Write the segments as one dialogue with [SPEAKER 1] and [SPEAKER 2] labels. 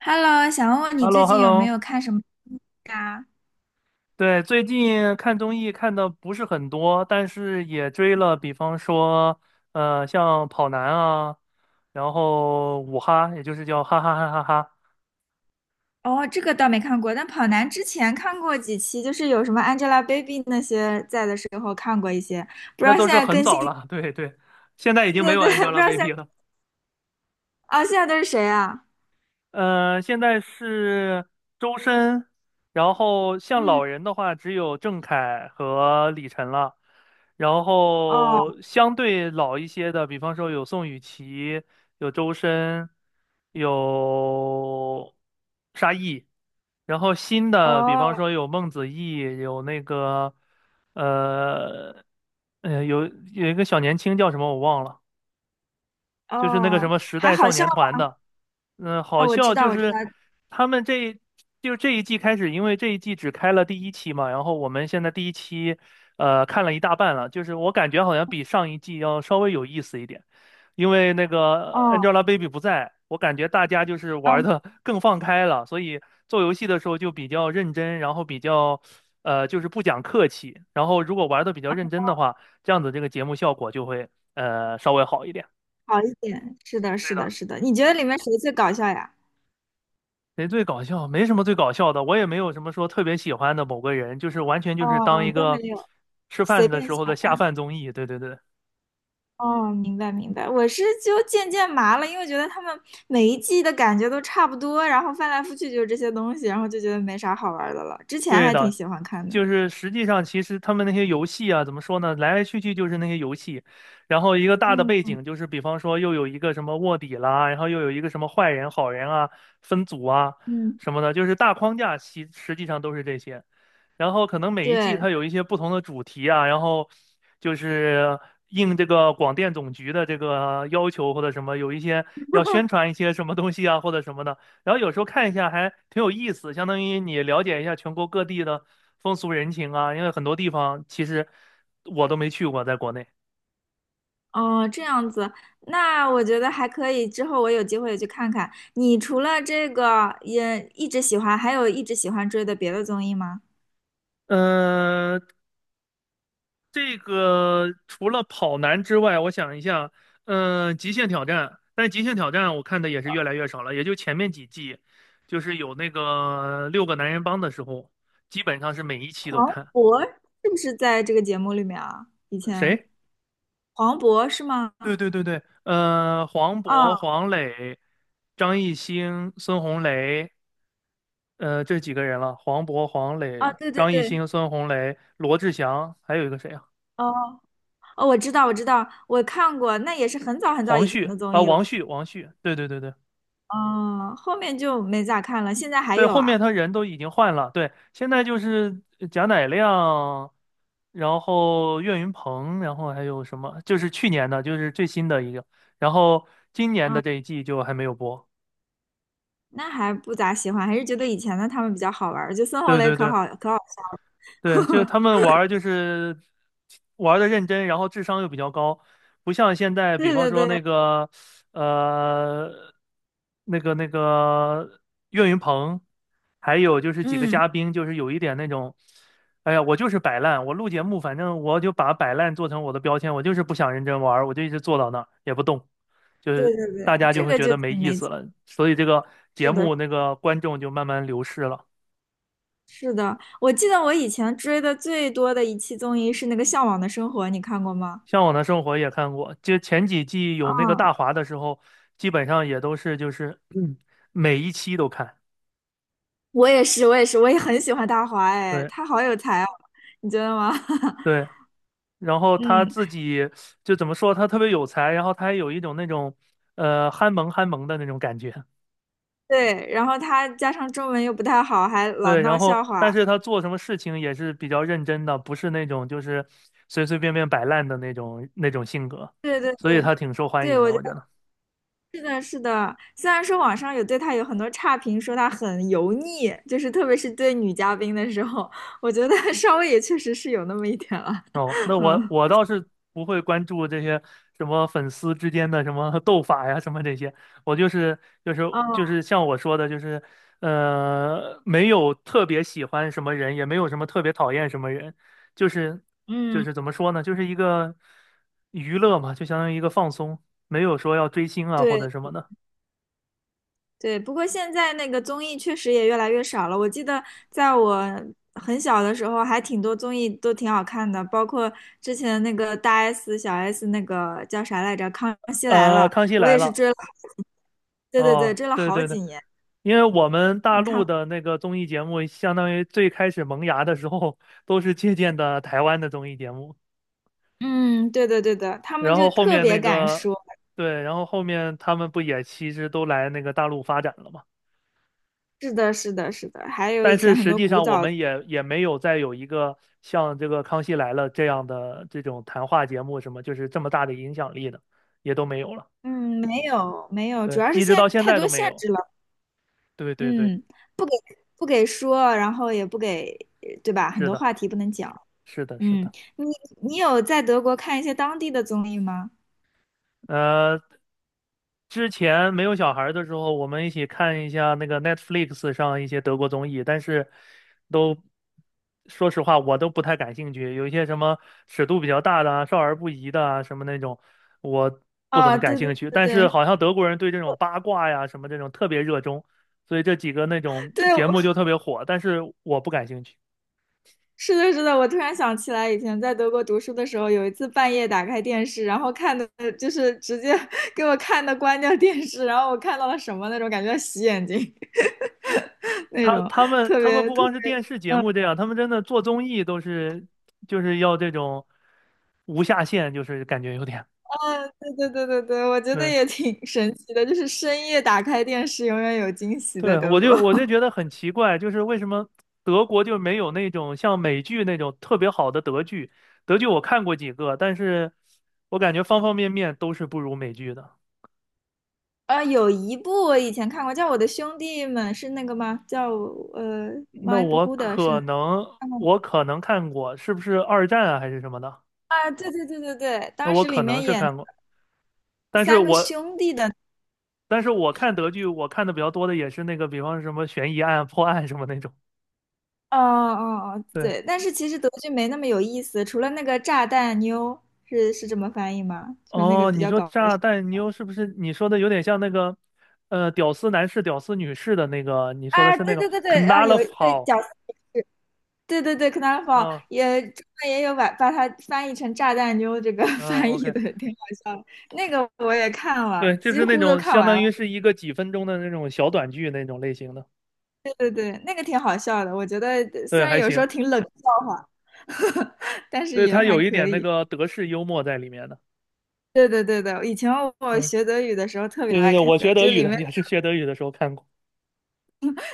[SPEAKER 1] Hello，想问问
[SPEAKER 2] h
[SPEAKER 1] 你
[SPEAKER 2] e l l o
[SPEAKER 1] 最
[SPEAKER 2] h e
[SPEAKER 1] 近
[SPEAKER 2] l l
[SPEAKER 1] 有
[SPEAKER 2] o
[SPEAKER 1] 没有看什么啊？
[SPEAKER 2] 对，最近看综艺看的不是很多，但是也追了，比方说，像跑男啊，然后五哈，也就是叫哈哈哈哈哈，
[SPEAKER 1] 哦，这个倒没看过，但跑男之前看过几期，就是有什么 Angelababy 那些在的时候看过一些，不知
[SPEAKER 2] 那
[SPEAKER 1] 道现
[SPEAKER 2] 都是
[SPEAKER 1] 在
[SPEAKER 2] 很
[SPEAKER 1] 更新，
[SPEAKER 2] 早了，对对，现在已经没
[SPEAKER 1] 对
[SPEAKER 2] 有
[SPEAKER 1] 对，不知道现在
[SPEAKER 2] Angelababy 了。
[SPEAKER 1] 啊、现在都是谁啊？
[SPEAKER 2] 嗯，现在是周深，然后像
[SPEAKER 1] 嗯，
[SPEAKER 2] 老人的话，只有郑恺和李晨了。然
[SPEAKER 1] 哦
[SPEAKER 2] 后相对老一些的，比方说有宋雨琦，有周深，有沙溢。然后新的，比方
[SPEAKER 1] 哦
[SPEAKER 2] 说有孟子义，有那个，呃，呃，有有一个小年轻叫什么我忘了，就是那个什
[SPEAKER 1] 哦，
[SPEAKER 2] 么时
[SPEAKER 1] 还
[SPEAKER 2] 代
[SPEAKER 1] 好
[SPEAKER 2] 少
[SPEAKER 1] 笑
[SPEAKER 2] 年
[SPEAKER 1] 吗？
[SPEAKER 2] 团的。嗯，好
[SPEAKER 1] 哦，我知
[SPEAKER 2] 笑
[SPEAKER 1] 道，
[SPEAKER 2] 就
[SPEAKER 1] 我知道，
[SPEAKER 2] 是他们这就这一季开始，因为这一季只开了第一期嘛，然后我们现在第一期看了一大半了，就是我感觉好像比上一季要稍微有意思一点，因为那个
[SPEAKER 1] 哦
[SPEAKER 2] Angelababy 不在，我感觉大家就是玩
[SPEAKER 1] 哦，
[SPEAKER 2] 的 更放开了，所以做游戏的时候就比较认真，然后比较就是不讲客气，然后如果玩的比较认真的话，这样子这个节目效果就会稍微好一点。
[SPEAKER 1] 好一点，是的，
[SPEAKER 2] 对
[SPEAKER 1] 是
[SPEAKER 2] 的。
[SPEAKER 1] 的，是的，你觉得里面谁最搞笑呀？
[SPEAKER 2] 谁最搞笑？没什么最搞笑的，我也没有什么说特别喜欢的某个人，就是完全就是当
[SPEAKER 1] 哦，
[SPEAKER 2] 一
[SPEAKER 1] 都没
[SPEAKER 2] 个
[SPEAKER 1] 有，
[SPEAKER 2] 吃
[SPEAKER 1] 随
[SPEAKER 2] 饭的
[SPEAKER 1] 便
[SPEAKER 2] 时
[SPEAKER 1] 下
[SPEAKER 2] 候的下
[SPEAKER 1] 饭。
[SPEAKER 2] 饭综艺。对对对，
[SPEAKER 1] 哦，明白明白，我是就渐渐麻了，因为觉得他们每一季的感觉都差不多，然后翻来覆去就是这些东西，然后就觉得没啥好玩的了。之前
[SPEAKER 2] 对
[SPEAKER 1] 还挺
[SPEAKER 2] 的，
[SPEAKER 1] 喜欢看的。
[SPEAKER 2] 就是实际上其实他们那些游戏啊，怎么说呢？来来去去就是那些游戏，然后一个大的背
[SPEAKER 1] 嗯
[SPEAKER 2] 景就是，比方说又有一个什么卧底啦，然后又有一个什么坏人、好人啊，分组啊
[SPEAKER 1] 嗯，
[SPEAKER 2] 什么的，就是大框架其实际上都是这些。然后可能每一季
[SPEAKER 1] 对，
[SPEAKER 2] 它有一些不同的主题啊，然后就是应这个广电总局的这个要求或者什么，有一些要宣传一些什么东西啊或者什么的。然后有时候看一下还挺有意思，相当于你了解一下全国各地的风俗人情啊，因为很多地方其实我都没去过，在国内。
[SPEAKER 1] 哦，这样子，那我觉得还可以。之后我有机会也去看看。你除了这个也一直喜欢，还有一直喜欢追的别的综艺吗？
[SPEAKER 2] 嗯，这个除了跑男之外，我想一下，极限挑战，但是极限挑战我看的也是越来越少了，也就前面几季，就是有那个六个男人帮的时候，基本上是每一期都
[SPEAKER 1] 黄
[SPEAKER 2] 看。
[SPEAKER 1] 渤是不是在这个节目里面啊？以前
[SPEAKER 2] 谁？
[SPEAKER 1] 黄渤是吗？
[SPEAKER 2] 对对对对，黄渤、
[SPEAKER 1] 哦
[SPEAKER 2] 黄磊、张艺兴、孙红雷，这几个人了，黄渤、黄
[SPEAKER 1] 哦，
[SPEAKER 2] 磊、
[SPEAKER 1] 对对
[SPEAKER 2] 张艺
[SPEAKER 1] 对，
[SPEAKER 2] 兴、孙红雷、罗志祥，还有一个谁啊？
[SPEAKER 1] 哦哦，我知道，我知道，我看过，那也是很早很早
[SPEAKER 2] 黄
[SPEAKER 1] 以前
[SPEAKER 2] 旭
[SPEAKER 1] 的综
[SPEAKER 2] 啊，
[SPEAKER 1] 艺了。
[SPEAKER 2] 王旭，王旭，对对对对。
[SPEAKER 1] 嗯，后面就没咋看了。现在还
[SPEAKER 2] 对，
[SPEAKER 1] 有
[SPEAKER 2] 后面
[SPEAKER 1] 啊？
[SPEAKER 2] 他人都已经换了，对，现在就是贾乃亮，然后岳云鹏，然后还有什么，就是去年的，就是最新的一个，然后今年的
[SPEAKER 1] 嗯，
[SPEAKER 2] 这一季就还没有播。
[SPEAKER 1] 那还不咋喜欢，还是觉得以前的他们比较好玩儿。就孙红
[SPEAKER 2] 对
[SPEAKER 1] 雷
[SPEAKER 2] 对
[SPEAKER 1] 可
[SPEAKER 2] 对。
[SPEAKER 1] 好可好笑
[SPEAKER 2] 对，就是
[SPEAKER 1] 了。
[SPEAKER 2] 他 们玩儿就是玩的认真，然后智商又比较高，不像现在，比
[SPEAKER 1] 对
[SPEAKER 2] 方
[SPEAKER 1] 对
[SPEAKER 2] 说
[SPEAKER 1] 对，
[SPEAKER 2] 呃那个岳云鹏，还有就是几个
[SPEAKER 1] 嗯，
[SPEAKER 2] 嘉宾，就是有一点那种，哎呀，我就是摆烂，我录节目，反正我就把摆烂做成我的标签，我就是不想认真玩儿我就一直坐到那儿也不动，就
[SPEAKER 1] 对
[SPEAKER 2] 是
[SPEAKER 1] 对
[SPEAKER 2] 大
[SPEAKER 1] 对，
[SPEAKER 2] 家就
[SPEAKER 1] 这
[SPEAKER 2] 会
[SPEAKER 1] 个
[SPEAKER 2] 觉
[SPEAKER 1] 就
[SPEAKER 2] 得没
[SPEAKER 1] 挺
[SPEAKER 2] 意
[SPEAKER 1] 没
[SPEAKER 2] 思
[SPEAKER 1] 劲。
[SPEAKER 2] 了，所以这个节
[SPEAKER 1] 是的，
[SPEAKER 2] 目那个观众就慢慢流失了。
[SPEAKER 1] 是的，我记得我以前追的最多的一期综艺是那个《向往的生活》，你看过吗？
[SPEAKER 2] 向往的生活》也看过，就前几季有那个
[SPEAKER 1] 嗯，
[SPEAKER 2] 大华的时候，基本上也都是就是每一期都看。
[SPEAKER 1] 我也是，我也是，我也很喜欢大华，哎，
[SPEAKER 2] 对
[SPEAKER 1] 他好有才哦，你觉得吗？
[SPEAKER 2] 对，然后他
[SPEAKER 1] 嗯。
[SPEAKER 2] 自己就怎么说，他特别有才，然后他还有一种那种憨萌憨萌的那种感觉。
[SPEAKER 1] 对，然后他加上中文又不太好，还老
[SPEAKER 2] 对，然
[SPEAKER 1] 闹
[SPEAKER 2] 后
[SPEAKER 1] 笑
[SPEAKER 2] 但
[SPEAKER 1] 话。
[SPEAKER 2] 是他做什么事情也是比较认真的，不是那种就是随随便便摆烂的那种性格，
[SPEAKER 1] 对对
[SPEAKER 2] 所以
[SPEAKER 1] 对
[SPEAKER 2] 他挺受欢
[SPEAKER 1] 对，
[SPEAKER 2] 迎的，
[SPEAKER 1] 我觉
[SPEAKER 2] 我
[SPEAKER 1] 得
[SPEAKER 2] 觉得。
[SPEAKER 1] 是的，是的。虽然说网上有对他有很多差评，说他很油腻，就是特别是对女嘉宾的时候，我觉得 稍微也确实是有那么一点了。
[SPEAKER 2] 哦，那我
[SPEAKER 1] 嗯，
[SPEAKER 2] 我倒是不会关注这些什么粉丝之间的什么斗法呀，什么这些。我就是就是
[SPEAKER 1] 哦，
[SPEAKER 2] 就是像我说的，就是没有特别喜欢什么人，也没有什么特别讨厌什么人，就是就
[SPEAKER 1] 嗯，
[SPEAKER 2] 是怎么说呢，就是一个娱乐嘛，就相当于一个放松，没有说要追星啊或
[SPEAKER 1] 对。
[SPEAKER 2] 者什么的。
[SPEAKER 1] 对，不过现在那个综艺确实也越来越少了。我记得在我很小的时候，还挺多综艺都挺好看的，包括之前那个大 S、小 S 那个叫啥来着，《康熙来了》，
[SPEAKER 2] 康熙
[SPEAKER 1] 我
[SPEAKER 2] 来
[SPEAKER 1] 也是
[SPEAKER 2] 了。
[SPEAKER 1] 追了，对对对，
[SPEAKER 2] 哦，
[SPEAKER 1] 追了
[SPEAKER 2] 对
[SPEAKER 1] 好
[SPEAKER 2] 对对，
[SPEAKER 1] 几年。
[SPEAKER 2] 因为我们大陆的那个综艺节目，相当于最开始萌芽的时候，都是借鉴的台湾的综艺节目，
[SPEAKER 1] 嗯，对对对的，他们
[SPEAKER 2] 然
[SPEAKER 1] 就
[SPEAKER 2] 后后
[SPEAKER 1] 特
[SPEAKER 2] 面
[SPEAKER 1] 别
[SPEAKER 2] 那
[SPEAKER 1] 敢
[SPEAKER 2] 个，
[SPEAKER 1] 说。
[SPEAKER 2] 对，然后后面他们不也其实都来那个大陆发展了嘛？
[SPEAKER 1] 是的，是的，是的。还有以
[SPEAKER 2] 但是
[SPEAKER 1] 前很
[SPEAKER 2] 实
[SPEAKER 1] 多
[SPEAKER 2] 际
[SPEAKER 1] 古
[SPEAKER 2] 上我
[SPEAKER 1] 早，
[SPEAKER 2] 们也没有再有一个像这个《康熙来了》这样的这种谈话节目什么，就是这么大的影响力的，也都没有了。
[SPEAKER 1] 嗯，没有没有，主
[SPEAKER 2] 对，
[SPEAKER 1] 要是
[SPEAKER 2] 一直
[SPEAKER 1] 现
[SPEAKER 2] 到
[SPEAKER 1] 在
[SPEAKER 2] 现
[SPEAKER 1] 太
[SPEAKER 2] 在
[SPEAKER 1] 多
[SPEAKER 2] 都没
[SPEAKER 1] 限
[SPEAKER 2] 有。
[SPEAKER 1] 制了，
[SPEAKER 2] 对对对，
[SPEAKER 1] 嗯，不给不给说，然后也不给，对吧？很
[SPEAKER 2] 是
[SPEAKER 1] 多
[SPEAKER 2] 的，
[SPEAKER 1] 话题不能讲。
[SPEAKER 2] 是的，是
[SPEAKER 1] 嗯，
[SPEAKER 2] 的。
[SPEAKER 1] 你有在德国看一些当地的综艺吗？
[SPEAKER 2] 呃，之前没有小孩儿的时候，我们一起看一下那个 Netflix 上一些德国综艺，但是都说实话，我都不太感兴趣。有一些什么尺度比较大的啊少儿不宜的啊，什么那种，我不怎
[SPEAKER 1] 啊，
[SPEAKER 2] 么感
[SPEAKER 1] 对对
[SPEAKER 2] 兴趣。
[SPEAKER 1] 对
[SPEAKER 2] 但是
[SPEAKER 1] 对
[SPEAKER 2] 好像德国人对这种八卦呀什么这种特别热衷，所以这几个那种
[SPEAKER 1] 对，
[SPEAKER 2] 节目就特别火，但是我不感兴趣。
[SPEAKER 1] 是的，是的，我突然想起来，以前在德国读书的时候，有一次半夜打开电视，然后看的就是直接 给我看的关掉电视，然后我看到了什么那种感觉洗眼睛 那
[SPEAKER 2] 他
[SPEAKER 1] 种，
[SPEAKER 2] 他们
[SPEAKER 1] 特
[SPEAKER 2] 他们
[SPEAKER 1] 别
[SPEAKER 2] 不
[SPEAKER 1] 特
[SPEAKER 2] 光
[SPEAKER 1] 别，
[SPEAKER 2] 是电视节
[SPEAKER 1] 嗯，
[SPEAKER 2] 目这样，他们真的做综艺都是就是要这种无下限，就是感觉有点
[SPEAKER 1] 对对对对对，我觉得
[SPEAKER 2] 对
[SPEAKER 1] 也挺神奇的，就是深夜打开电视，永远有惊喜在
[SPEAKER 2] 对，
[SPEAKER 1] 德
[SPEAKER 2] 我
[SPEAKER 1] 国。
[SPEAKER 2] 就我就觉得很奇怪，就是为什么德国就没有那种像美剧那种特别好的德剧？德剧我看过几个，但是我感觉方方面面都是不如美剧的。
[SPEAKER 1] 有一部我以前看过，叫《我的兄弟们》，是那个吗？叫
[SPEAKER 2] 那
[SPEAKER 1] My b r
[SPEAKER 2] 我
[SPEAKER 1] o d 的是
[SPEAKER 2] 可能
[SPEAKER 1] 看过吗？
[SPEAKER 2] 我可能看过，是不是二战啊还是什么的？
[SPEAKER 1] 啊，对对对对对，
[SPEAKER 2] 那
[SPEAKER 1] 当
[SPEAKER 2] 我
[SPEAKER 1] 时里
[SPEAKER 2] 可能
[SPEAKER 1] 面
[SPEAKER 2] 是
[SPEAKER 1] 演
[SPEAKER 2] 看过，但是
[SPEAKER 1] 三个
[SPEAKER 2] 我
[SPEAKER 1] 兄弟的，
[SPEAKER 2] 但是我看德剧，我看的比较多的也是那个，比方什么悬疑案、破案什么那种。
[SPEAKER 1] 哦哦哦，
[SPEAKER 2] 对，
[SPEAKER 1] 对，但是其实德剧没那么有意思，除了那个炸弹妞是是这么翻译吗？就是那个
[SPEAKER 2] 哦，
[SPEAKER 1] 比
[SPEAKER 2] 你
[SPEAKER 1] 较
[SPEAKER 2] 说
[SPEAKER 1] 搞
[SPEAKER 2] 炸
[SPEAKER 1] 笑
[SPEAKER 2] 弹妞是不是你说的有点像那个，屌丝男士、屌丝女士的那个？你说的
[SPEAKER 1] 啊，
[SPEAKER 2] 是那
[SPEAKER 1] 对
[SPEAKER 2] 个
[SPEAKER 1] 对对对啊，有
[SPEAKER 2] Knarf
[SPEAKER 1] 对
[SPEAKER 2] 好？
[SPEAKER 1] 角色也是，对对对，Knarfall
[SPEAKER 2] 嗯
[SPEAKER 1] 也中文也有把它翻译成炸弹妞这个
[SPEAKER 2] 嗯
[SPEAKER 1] 翻译
[SPEAKER 2] ，OK，
[SPEAKER 1] 的，挺搞笑的那个我也看了，
[SPEAKER 2] 对，就
[SPEAKER 1] 几
[SPEAKER 2] 是那
[SPEAKER 1] 乎都
[SPEAKER 2] 种
[SPEAKER 1] 看
[SPEAKER 2] 相
[SPEAKER 1] 完
[SPEAKER 2] 当
[SPEAKER 1] 了。
[SPEAKER 2] 于是一个几分钟的那种小短剧那种类型的。
[SPEAKER 1] 对对，那个挺好笑的，我觉得虽
[SPEAKER 2] 对，
[SPEAKER 1] 然
[SPEAKER 2] 还
[SPEAKER 1] 有时
[SPEAKER 2] 行，
[SPEAKER 1] 候挺冷笑话，但是
[SPEAKER 2] 对，
[SPEAKER 1] 也
[SPEAKER 2] 它
[SPEAKER 1] 还
[SPEAKER 2] 有一
[SPEAKER 1] 可
[SPEAKER 2] 点那
[SPEAKER 1] 以。
[SPEAKER 2] 个德式幽默在里面的。
[SPEAKER 1] 对对对对，以前我
[SPEAKER 2] 嗯，
[SPEAKER 1] 学德语的时候特别
[SPEAKER 2] 对对
[SPEAKER 1] 爱
[SPEAKER 2] 对，
[SPEAKER 1] 看
[SPEAKER 2] 我
[SPEAKER 1] 的，
[SPEAKER 2] 学德
[SPEAKER 1] 就
[SPEAKER 2] 语
[SPEAKER 1] 里
[SPEAKER 2] 的
[SPEAKER 1] 面
[SPEAKER 2] 也是学德语的时候看过。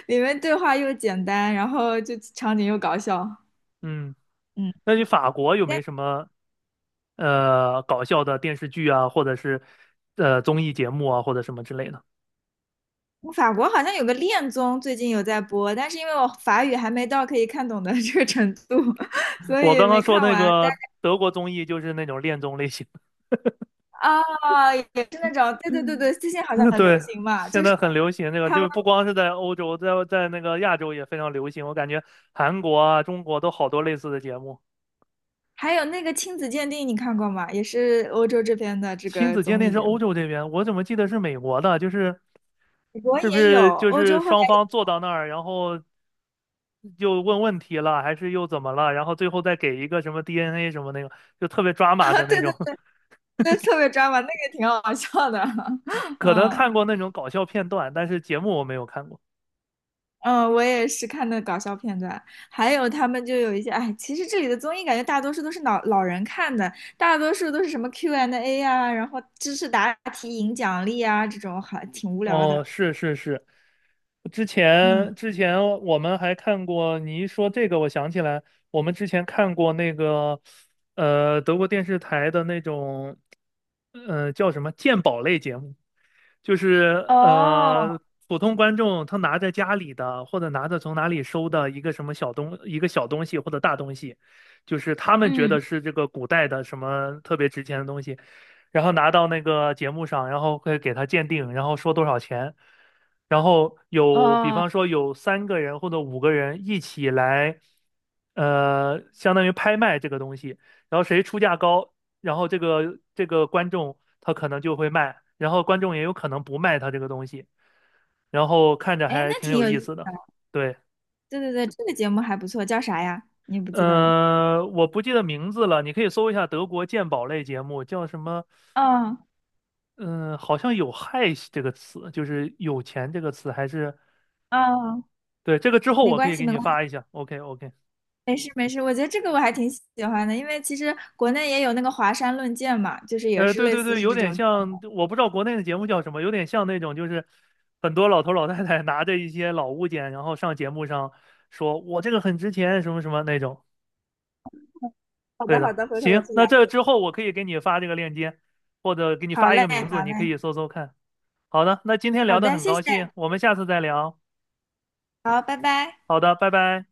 [SPEAKER 1] 对话又简单，然后就场景又搞笑。
[SPEAKER 2] 嗯，
[SPEAKER 1] 嗯，
[SPEAKER 2] 那你法国有没什么搞笑的电视剧啊，或者是综艺节目啊，或者什么之类的。
[SPEAKER 1] 法国好像有个恋综最近有在播，但是因为我法语还没到可以看懂的 这个程度，所
[SPEAKER 2] 我
[SPEAKER 1] 以
[SPEAKER 2] 刚刚
[SPEAKER 1] 没
[SPEAKER 2] 说
[SPEAKER 1] 看
[SPEAKER 2] 那
[SPEAKER 1] 完。但
[SPEAKER 2] 个德国综艺就是那种恋综类型，
[SPEAKER 1] 啊、也是那种，对对对对，最近好像 很流
[SPEAKER 2] 对，
[SPEAKER 1] 行嘛，
[SPEAKER 2] 现
[SPEAKER 1] 就是。
[SPEAKER 2] 在很流行这个，
[SPEAKER 1] 他
[SPEAKER 2] 就是
[SPEAKER 1] 们。
[SPEAKER 2] 不光是在欧洲，在那个亚洲也非常流行。我感觉韩国啊、中国都好多类似的节目。
[SPEAKER 1] 还有那个亲子鉴定，你看过吗？也是欧洲这边的这
[SPEAKER 2] 亲
[SPEAKER 1] 个
[SPEAKER 2] 子鉴
[SPEAKER 1] 综
[SPEAKER 2] 定
[SPEAKER 1] 艺
[SPEAKER 2] 是
[SPEAKER 1] 节
[SPEAKER 2] 欧
[SPEAKER 1] 目，
[SPEAKER 2] 洲这边，我怎么记得是美国的？就是
[SPEAKER 1] 我
[SPEAKER 2] 是不
[SPEAKER 1] 也有，
[SPEAKER 2] 是就
[SPEAKER 1] 欧
[SPEAKER 2] 是
[SPEAKER 1] 洲后来，
[SPEAKER 2] 双方坐到那儿，然后又问问题了，还是又怎么了？然后最后再给一个什么 DNA 什么那个，就特别抓 马
[SPEAKER 1] 啊，
[SPEAKER 2] 的
[SPEAKER 1] 对
[SPEAKER 2] 那
[SPEAKER 1] 对
[SPEAKER 2] 种。
[SPEAKER 1] 对，特别抓马，那个挺好笑的。
[SPEAKER 2] 可能
[SPEAKER 1] 嗯
[SPEAKER 2] 看过那种搞笑片段，但是节目我没有看过。
[SPEAKER 1] 嗯，我也是看的搞笑片段，还有他们就有一些，哎，其实这里的综艺感觉大多数都是老老人看的，大多数都是什么 Q&A 啊，然后知识答题赢奖励啊，这种还挺无聊
[SPEAKER 2] 哦，
[SPEAKER 1] 的。
[SPEAKER 2] 是是是，之前
[SPEAKER 1] 嗯，
[SPEAKER 2] 之前我们还看过，你一说这个，我想起来，我们之前看过那个，德国电视台的那种，叫什么鉴宝类节目，就是
[SPEAKER 1] 哦，
[SPEAKER 2] 普通观众他拿着家里的或者拿着从哪里收的一个什么一个小东西或者大东西，就是他们觉得
[SPEAKER 1] 嗯，
[SPEAKER 2] 是这个古代的什么特别值钱的东西。然后拿到那个节目上，然后会给他鉴定，然后说多少钱，然后有比
[SPEAKER 1] 哦，
[SPEAKER 2] 方说有三个人或者五个人一起来，相当于拍卖这个东西，然后谁出价高，然后这个观众他可能就会卖，然后观众也有可能不卖他这个东西，然后看着
[SPEAKER 1] 哎，
[SPEAKER 2] 还
[SPEAKER 1] 那
[SPEAKER 2] 挺
[SPEAKER 1] 挺
[SPEAKER 2] 有
[SPEAKER 1] 有意
[SPEAKER 2] 意
[SPEAKER 1] 思。
[SPEAKER 2] 思的，对。
[SPEAKER 1] 对对对，这个节目还不错，叫啥呀？你不记得了？
[SPEAKER 2] 我不记得名字了，你可以搜一下德国鉴宝类节目，叫什么？
[SPEAKER 1] 嗯
[SPEAKER 2] 嗯，好像有"害"这个词，就是有钱这个词，还是
[SPEAKER 1] 嗯，
[SPEAKER 2] 对这个之后
[SPEAKER 1] 没
[SPEAKER 2] 我可
[SPEAKER 1] 关
[SPEAKER 2] 以
[SPEAKER 1] 系，
[SPEAKER 2] 给
[SPEAKER 1] 没
[SPEAKER 2] 你
[SPEAKER 1] 关系，
[SPEAKER 2] 发一下。OK OK，
[SPEAKER 1] 没事没事。我觉得这个我还挺喜欢的，因为其实国内也有那个华山论剑嘛，就是也是
[SPEAKER 2] 对
[SPEAKER 1] 类
[SPEAKER 2] 对
[SPEAKER 1] 似
[SPEAKER 2] 对，
[SPEAKER 1] 是
[SPEAKER 2] 有
[SPEAKER 1] 这
[SPEAKER 2] 点
[SPEAKER 1] 种。
[SPEAKER 2] 像，我不知道国内的节目叫什么，有点像那种就是很多老头老太太拿着一些老物件，然后上节目上说我这个很值钱，什么什么那种。
[SPEAKER 1] 好
[SPEAKER 2] 对
[SPEAKER 1] 的好
[SPEAKER 2] 的，
[SPEAKER 1] 的，回头我
[SPEAKER 2] 行，
[SPEAKER 1] 去
[SPEAKER 2] 那
[SPEAKER 1] 了
[SPEAKER 2] 这
[SPEAKER 1] 解。
[SPEAKER 2] 之后我可以给你发这个链接，或者给你
[SPEAKER 1] 好
[SPEAKER 2] 发一
[SPEAKER 1] 嘞
[SPEAKER 2] 个名字，
[SPEAKER 1] 好
[SPEAKER 2] 你可以
[SPEAKER 1] 嘞，
[SPEAKER 2] 搜搜看。好的，那今天
[SPEAKER 1] 好
[SPEAKER 2] 聊得
[SPEAKER 1] 的，
[SPEAKER 2] 很
[SPEAKER 1] 谢
[SPEAKER 2] 高
[SPEAKER 1] 谢，
[SPEAKER 2] 兴，我们下次再聊。
[SPEAKER 1] 好，拜拜。
[SPEAKER 2] 好的，拜拜。